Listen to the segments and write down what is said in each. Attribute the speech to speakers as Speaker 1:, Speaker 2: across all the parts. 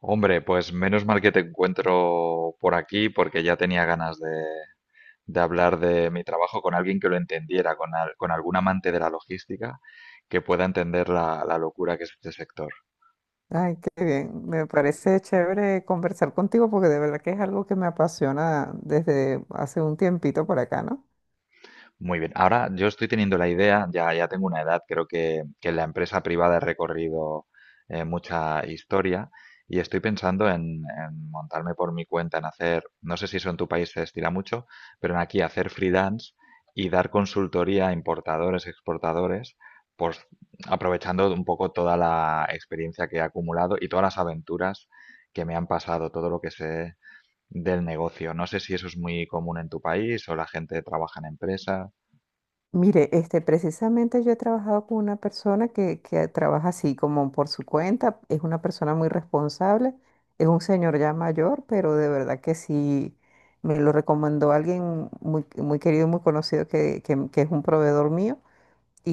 Speaker 1: Hombre, pues menos mal que te encuentro por aquí porque ya tenía ganas de hablar de mi trabajo con alguien que lo entendiera, con algún amante de la logística que pueda entender la locura que es este sector.
Speaker 2: Ay, qué bien. Me parece chévere conversar contigo porque de verdad que es algo que me apasiona desde hace un tiempito por acá, ¿no?
Speaker 1: Muy bien. Ahora yo estoy teniendo la idea, ya tengo una edad, creo que en la empresa privada he recorrido mucha historia y estoy pensando en montarme por mi cuenta, en hacer, no sé si eso en tu país se estila mucho, pero en aquí hacer freelance y dar consultoría a importadores, exportadores, pues aprovechando un poco toda la experiencia que he acumulado y todas las aventuras que me han pasado, todo lo que sé del negocio. No sé si eso es muy común en tu país o la gente trabaja en empresas.
Speaker 2: Mire, este, precisamente yo he trabajado con una persona que trabaja así como por su cuenta, es una persona muy responsable, es un señor ya mayor, pero de verdad que sí, me lo recomendó alguien muy, muy querido, muy conocido que es un proveedor mío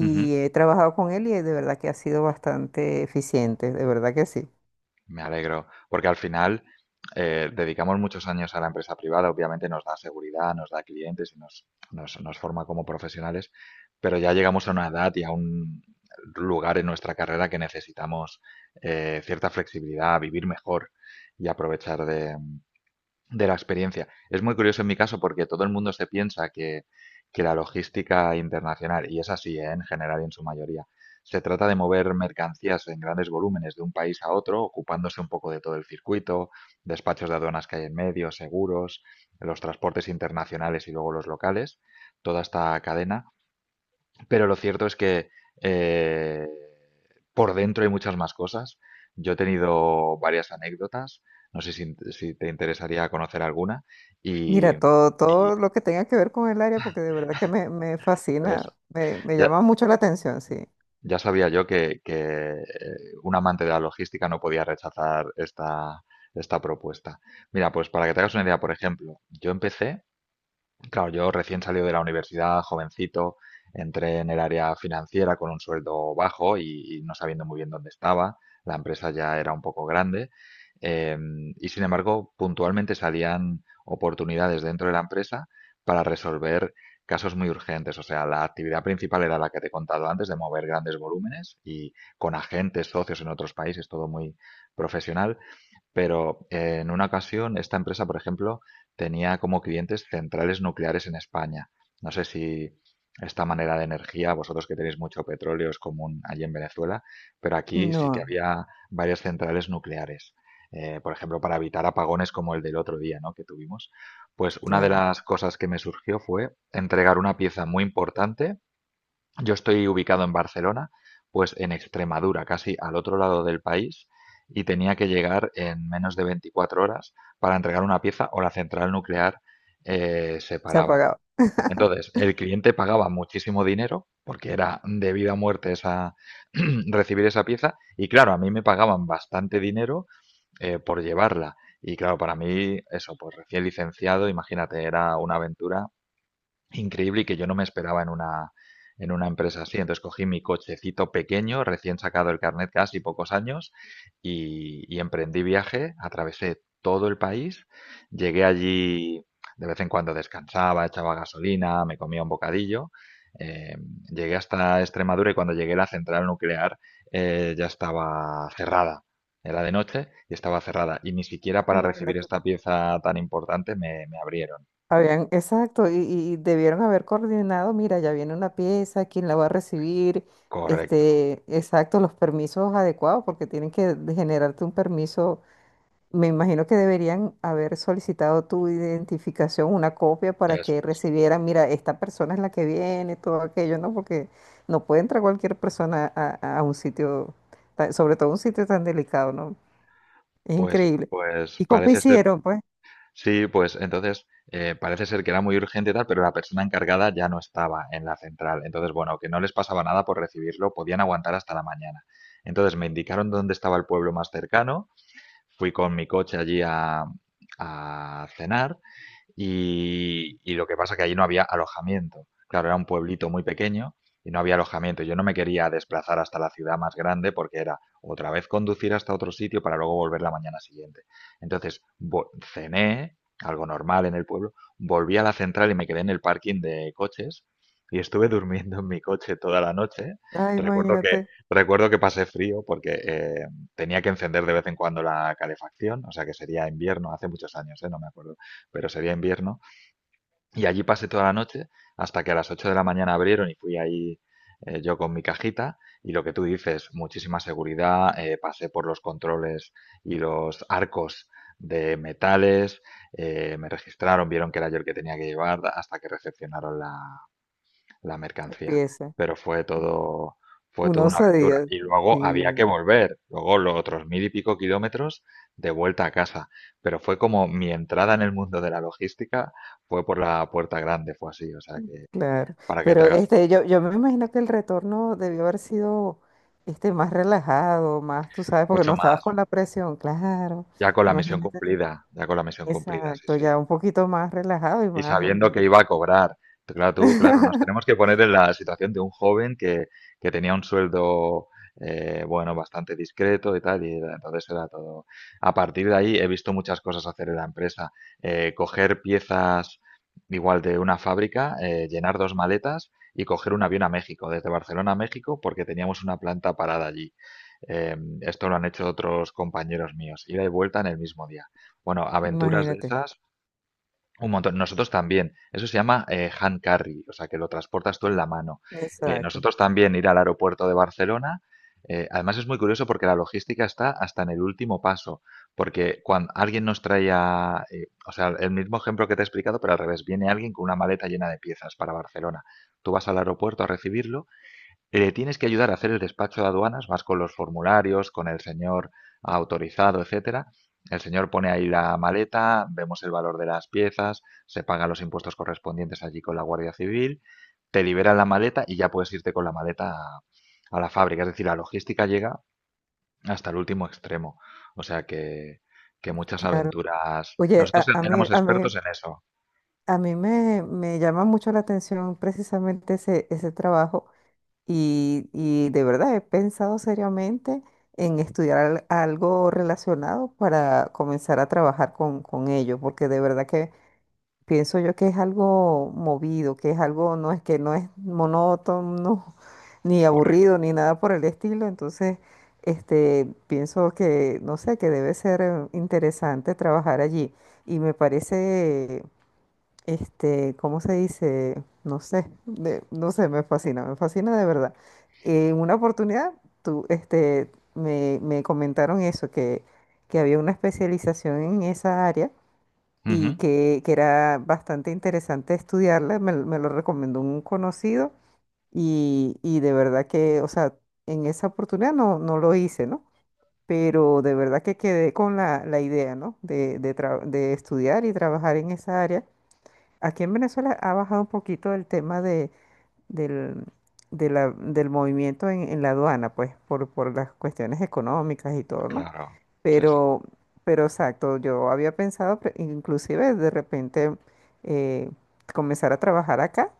Speaker 1: Ujú.
Speaker 2: he trabajado con él y de verdad que ha sido bastante eficiente, de verdad que sí.
Speaker 1: Me alegro, porque al final dedicamos muchos años a la empresa privada, obviamente nos da seguridad, nos da clientes y nos forma como profesionales, pero ya llegamos a una edad y a un lugar en nuestra carrera que necesitamos cierta flexibilidad, vivir mejor y aprovechar de la experiencia. Es muy curioso en mi caso porque todo el mundo se piensa que la logística internacional, y es así, ¿eh? En general y en su mayoría, se trata de mover mercancías en grandes volúmenes de un país a otro, ocupándose un poco de todo el circuito, despachos de aduanas que hay en medio, seguros, los transportes internacionales y luego los locales, toda esta cadena. Pero lo cierto es que eh, por dentro hay muchas más cosas. Yo he tenido varias anécdotas, no sé si te interesaría conocer alguna. Y,
Speaker 2: Mira, todo,
Speaker 1: y
Speaker 2: todo lo que tenga que ver con el área, porque de verdad que me
Speaker 1: ves,
Speaker 2: fascina, me
Speaker 1: ya,
Speaker 2: llama mucho la atención, sí.
Speaker 1: ya sabía yo eh, un amante de la logística no podía rechazar esta propuesta. Mira, pues para que te hagas una idea, por ejemplo, yo empecé claro, yo recién salido de la universidad, jovencito, entré en el área financiera con un sueldo bajo y no sabiendo muy bien dónde estaba. La empresa ya era un poco grande. Y sin embargo, puntualmente salían oportunidades dentro de la empresa para resolver casos muy urgentes. O sea, la actividad principal era la que te he contado antes, de mover grandes volúmenes y con agentes, socios en otros países, todo muy profesional. Pero en una ocasión, esta empresa, por ejemplo, tenía como clientes centrales nucleares en España. No sé si esta manera de energía, vosotros que tenéis mucho petróleo, es común allí en Venezuela, pero aquí sí que
Speaker 2: No,
Speaker 1: había varias centrales nucleares. Por ejemplo, para evitar apagones como el del otro día, ¿no? Que tuvimos. Pues una de
Speaker 2: claro,
Speaker 1: las cosas que me surgió fue entregar una pieza muy importante. Yo estoy ubicado en Barcelona, pues en Extremadura, casi al otro lado del país, y tenía que llegar en menos de 24 horas para entregar una pieza o la central nuclear se
Speaker 2: se
Speaker 1: paraba.
Speaker 2: apagaba.
Speaker 1: Entonces, el cliente pagaba muchísimo dinero porque era de vida o muerte esa, recibir esa pieza y claro, a mí me pagaban bastante dinero por llevarla. Y claro, para mí eso, pues recién licenciado, imagínate, era una aventura increíble y que yo no me esperaba en una empresa así. Entonces cogí mi cochecito pequeño, recién sacado el carnet casi pocos años, y emprendí viaje, atravesé todo el país, llegué allí, de vez en cuando descansaba, echaba gasolina, me comía un bocadillo. eh, Llegué hasta Extremadura y cuando llegué la central nuclear ya estaba cerrada. Era de noche y estaba cerrada. Y ni siquiera para recibir
Speaker 2: Imagínate
Speaker 1: esta
Speaker 2: tú.
Speaker 1: pieza tan importante me abrieron.
Speaker 2: Habían, exacto, y debieron haber coordinado, mira, ya viene una pieza, ¿quién la va a recibir?
Speaker 1: Correcto.
Speaker 2: Este, exacto, los permisos adecuados, porque tienen que generarte un permiso. Me imagino que deberían haber solicitado tu identificación, una copia para
Speaker 1: Eso
Speaker 2: que
Speaker 1: es.
Speaker 2: recibieran, mira, esta persona es la que viene, todo aquello, ¿no? Porque no puede entrar cualquier persona a un sitio, sobre todo un sitio tan delicado, ¿no? Es
Speaker 1: Pues
Speaker 2: increíble.
Speaker 1: pues
Speaker 2: ¿Y cómo
Speaker 1: parece ser,
Speaker 2: hicieron, pues?
Speaker 1: sí. Pues entonces, parece ser que era muy urgente y tal, pero la persona encargada ya no estaba en la central. Entonces, bueno, que no les pasaba nada por recibirlo, podían aguantar hasta la mañana. Entonces, me indicaron dónde estaba el pueblo más cercano, fui con mi coche allí a cenar y lo que pasa que allí no había alojamiento. Claro, era un pueblito muy pequeño y no había alojamiento. Yo no me quería desplazar hasta la ciudad más grande porque era otra vez conducir hasta otro sitio para luego volver la mañana siguiente. Entonces cené algo normal en el pueblo, volví a la central y me quedé en el parking de coches y estuve durmiendo en mi coche toda la noche.
Speaker 2: Ay,
Speaker 1: Recuerdo que,
Speaker 2: imagínate,
Speaker 1: recuerdo que pasé frío porque tenía que encender de vez en cuando la calefacción, o sea que sería invierno, hace muchos años, ¿eh? No me acuerdo, pero sería invierno. Y allí pasé toda la noche hasta que a las 8 de la mañana abrieron y fui ahí yo con mi cajita. Y lo que tú dices, muchísima seguridad, pasé por los controles y los arcos de metales, me registraron, vieron que era yo el que tenía que llevar hasta que recepcionaron la mercancía.
Speaker 2: empieza.
Speaker 1: Pero fue todo, fue
Speaker 2: Una
Speaker 1: toda una aventura.
Speaker 2: osadía.
Speaker 1: Y luego
Speaker 2: Sí,
Speaker 1: había que volver, luego los otros mil y pico kilómetros de vuelta a casa. Pero fue como mi entrada en el mundo de la logística, fue por la puerta grande, fue así. O sea que
Speaker 2: claro.
Speaker 1: para que te
Speaker 2: Pero
Speaker 1: hagas
Speaker 2: este, yo me imagino que el retorno debió haber sido este, más relajado, más, tú sabes, porque
Speaker 1: mucho
Speaker 2: no estabas
Speaker 1: más,
Speaker 2: con la presión, claro.
Speaker 1: ya con la misión
Speaker 2: Imagínate.
Speaker 1: cumplida, ya con la misión cumplida, sí,
Speaker 2: Exacto,
Speaker 1: sí.
Speaker 2: ya un poquito más relajado y
Speaker 1: Y
Speaker 2: más.
Speaker 1: sabiendo que iba a cobrar. Pero claro, tú, claro, nos tenemos que poner en la situación de un joven que tenía un sueldo, bueno, bastante discreto y tal, y entonces era todo. A partir de ahí he visto muchas cosas hacer en la empresa. Coger piezas igual de una fábrica, llenar dos maletas y coger un avión a México, desde Barcelona a México, porque teníamos una planta parada allí. Eh, Esto lo han hecho otros compañeros míos, ida y vuelta en el mismo día. Bueno, aventuras de
Speaker 2: Imagínate.
Speaker 1: esas un montón. Nosotros también. Eso se llama hand carry, o sea, que lo transportas tú en la mano.
Speaker 2: Exacto,
Speaker 1: Nosotros también ir al aeropuerto de Barcelona, además es muy curioso porque la logística está hasta en el último paso, porque cuando alguien nos traía, o sea, el mismo ejemplo que te he explicado, pero al revés, viene alguien con una maleta llena de piezas para Barcelona. Tú vas al aeropuerto a recibirlo, le tienes que ayudar a hacer el despacho de aduanas, vas con los formularios, con el señor autorizado, etcétera. El señor pone ahí la maleta, vemos el valor de las piezas, se pagan los impuestos correspondientes allí con la Guardia Civil, te liberan la maleta y ya puedes irte con la maleta a la fábrica. Es decir, la logística llega hasta el último extremo. O sea que muchas
Speaker 2: claro.
Speaker 1: aventuras.
Speaker 2: Oye,
Speaker 1: Nosotros
Speaker 2: a, a mí,
Speaker 1: éramos
Speaker 2: a mí,
Speaker 1: expertos en eso.
Speaker 2: a mí me llama mucho la atención precisamente ese trabajo y de verdad he pensado seriamente en estudiar algo relacionado para comenzar a trabajar con ello, porque de verdad que pienso yo que es algo movido, que es algo, no es que no es monótono, ni
Speaker 1: Correcto.
Speaker 2: aburrido, ni nada por el estilo. Entonces, este, pienso que, no sé, que debe ser interesante trabajar allí. Y me parece, este, ¿cómo se dice? No sé, no sé, me fascina de verdad. En una oportunidad, tú, este, me comentaron eso, que había una especialización en esa área y
Speaker 1: Ujú.
Speaker 2: que era bastante interesante estudiarla, me lo recomendó un conocido y de verdad que, o sea, en esa oportunidad no lo hice, ¿no? Pero de verdad que quedé con la idea, ¿no? De estudiar y trabajar en esa área. Aquí en Venezuela ha bajado un poquito el tema de, del, del movimiento en la aduana, pues, por las cuestiones económicas y todo, ¿no?
Speaker 1: Claro. Sí, sí.
Speaker 2: Pero, pero exacto, yo había pensado inclusive de repente eh, comenzar a trabajar acá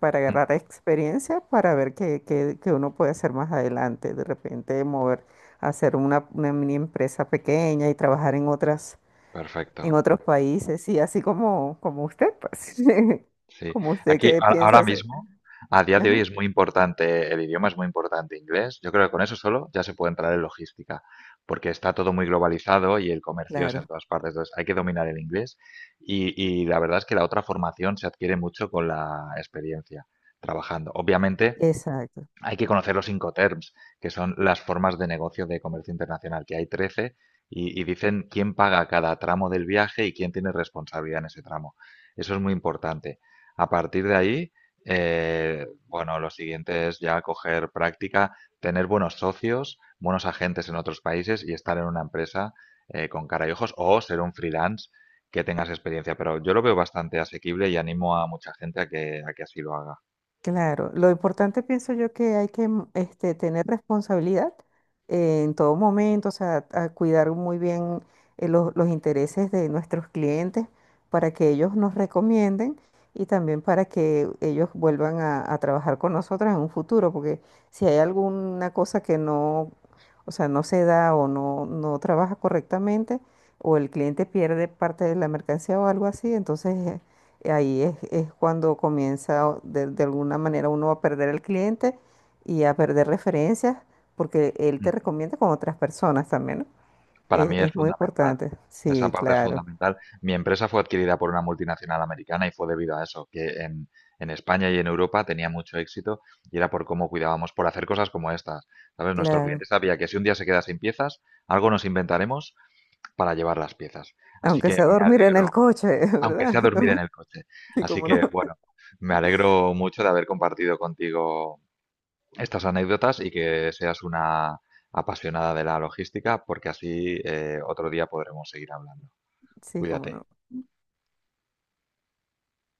Speaker 2: para
Speaker 1: Mm.
Speaker 2: agarrar experiencia, para ver qué uno puede hacer más adelante, de repente mover, hacer una mini empresa pequeña y trabajar en otras,
Speaker 1: Perfecto.
Speaker 2: en otros países, y así como, como usted, pues,
Speaker 1: Sí,
Speaker 2: como usted
Speaker 1: aquí
Speaker 2: que piensa
Speaker 1: ahora
Speaker 2: hacer.
Speaker 1: mismo, a día de hoy
Speaker 2: Ajá,
Speaker 1: es muy importante, el idioma es muy importante, inglés. Yo creo que con eso solo ya se puede entrar en logística, porque está todo muy globalizado y el comercio es en
Speaker 2: claro,
Speaker 1: todas partes. Entonces hay que dominar el inglés y, y la verdad es que la otra formación se adquiere mucho con la experiencia trabajando. Obviamente,
Speaker 2: exacto.
Speaker 1: hay que conocer los Incoterms, que son las formas de negocio de comercio internacional, que hay 13 y dicen quién paga cada tramo del viaje y quién tiene responsabilidad en ese tramo. Eso es muy importante. A partir de ahí, bueno, lo siguiente es ya coger práctica, tener buenos socios, buenos agentes en otros países y estar en una empresa con cara y ojos o ser un freelance que tengas experiencia. Pero yo lo veo bastante asequible y animo a mucha gente a que así lo haga.
Speaker 2: Claro, lo importante pienso yo que hay que este, tener responsabilidad en todo momento, o sea, a cuidar muy bien los intereses de nuestros clientes para que ellos nos recomienden y también para que ellos vuelvan a trabajar con nosotros en un futuro, porque si hay alguna cosa que no, o sea, no se da o no trabaja correctamente o el cliente pierde parte de la mercancía o algo así, entonces ahí es cuando comienza de alguna manera uno a perder el cliente y a perder referencias, porque él te
Speaker 1: Mm.
Speaker 2: recomienda con otras personas también, ¿no?
Speaker 1: Para mí es
Speaker 2: Es muy
Speaker 1: fundamental.
Speaker 2: importante.
Speaker 1: Esa
Speaker 2: Sí,
Speaker 1: parte es
Speaker 2: claro,
Speaker 1: fundamental. Mi empresa fue adquirida por una multinacional americana y fue debido a eso, que en España y en Europa tenía mucho éxito y era por cómo cuidábamos, por hacer cosas como estas. ¿Sabes? Nuestro cliente
Speaker 2: claro.
Speaker 1: sabía que si un día se queda sin piezas, algo nos inventaremos para llevar las piezas. Así
Speaker 2: Aunque
Speaker 1: que
Speaker 2: sea
Speaker 1: me
Speaker 2: dormir en el
Speaker 1: alegro,
Speaker 2: coche,
Speaker 1: aunque
Speaker 2: ¿verdad?
Speaker 1: sea dormir en el coche.
Speaker 2: Sí,
Speaker 1: Así
Speaker 2: cómo no.
Speaker 1: que, bueno, me alegro mucho de haber compartido contigo estas anécdotas y que seas una apasionada de la logística, porque así otro día podremos seguir hablando.
Speaker 2: Sí, cómo
Speaker 1: Cuídate.
Speaker 2: no.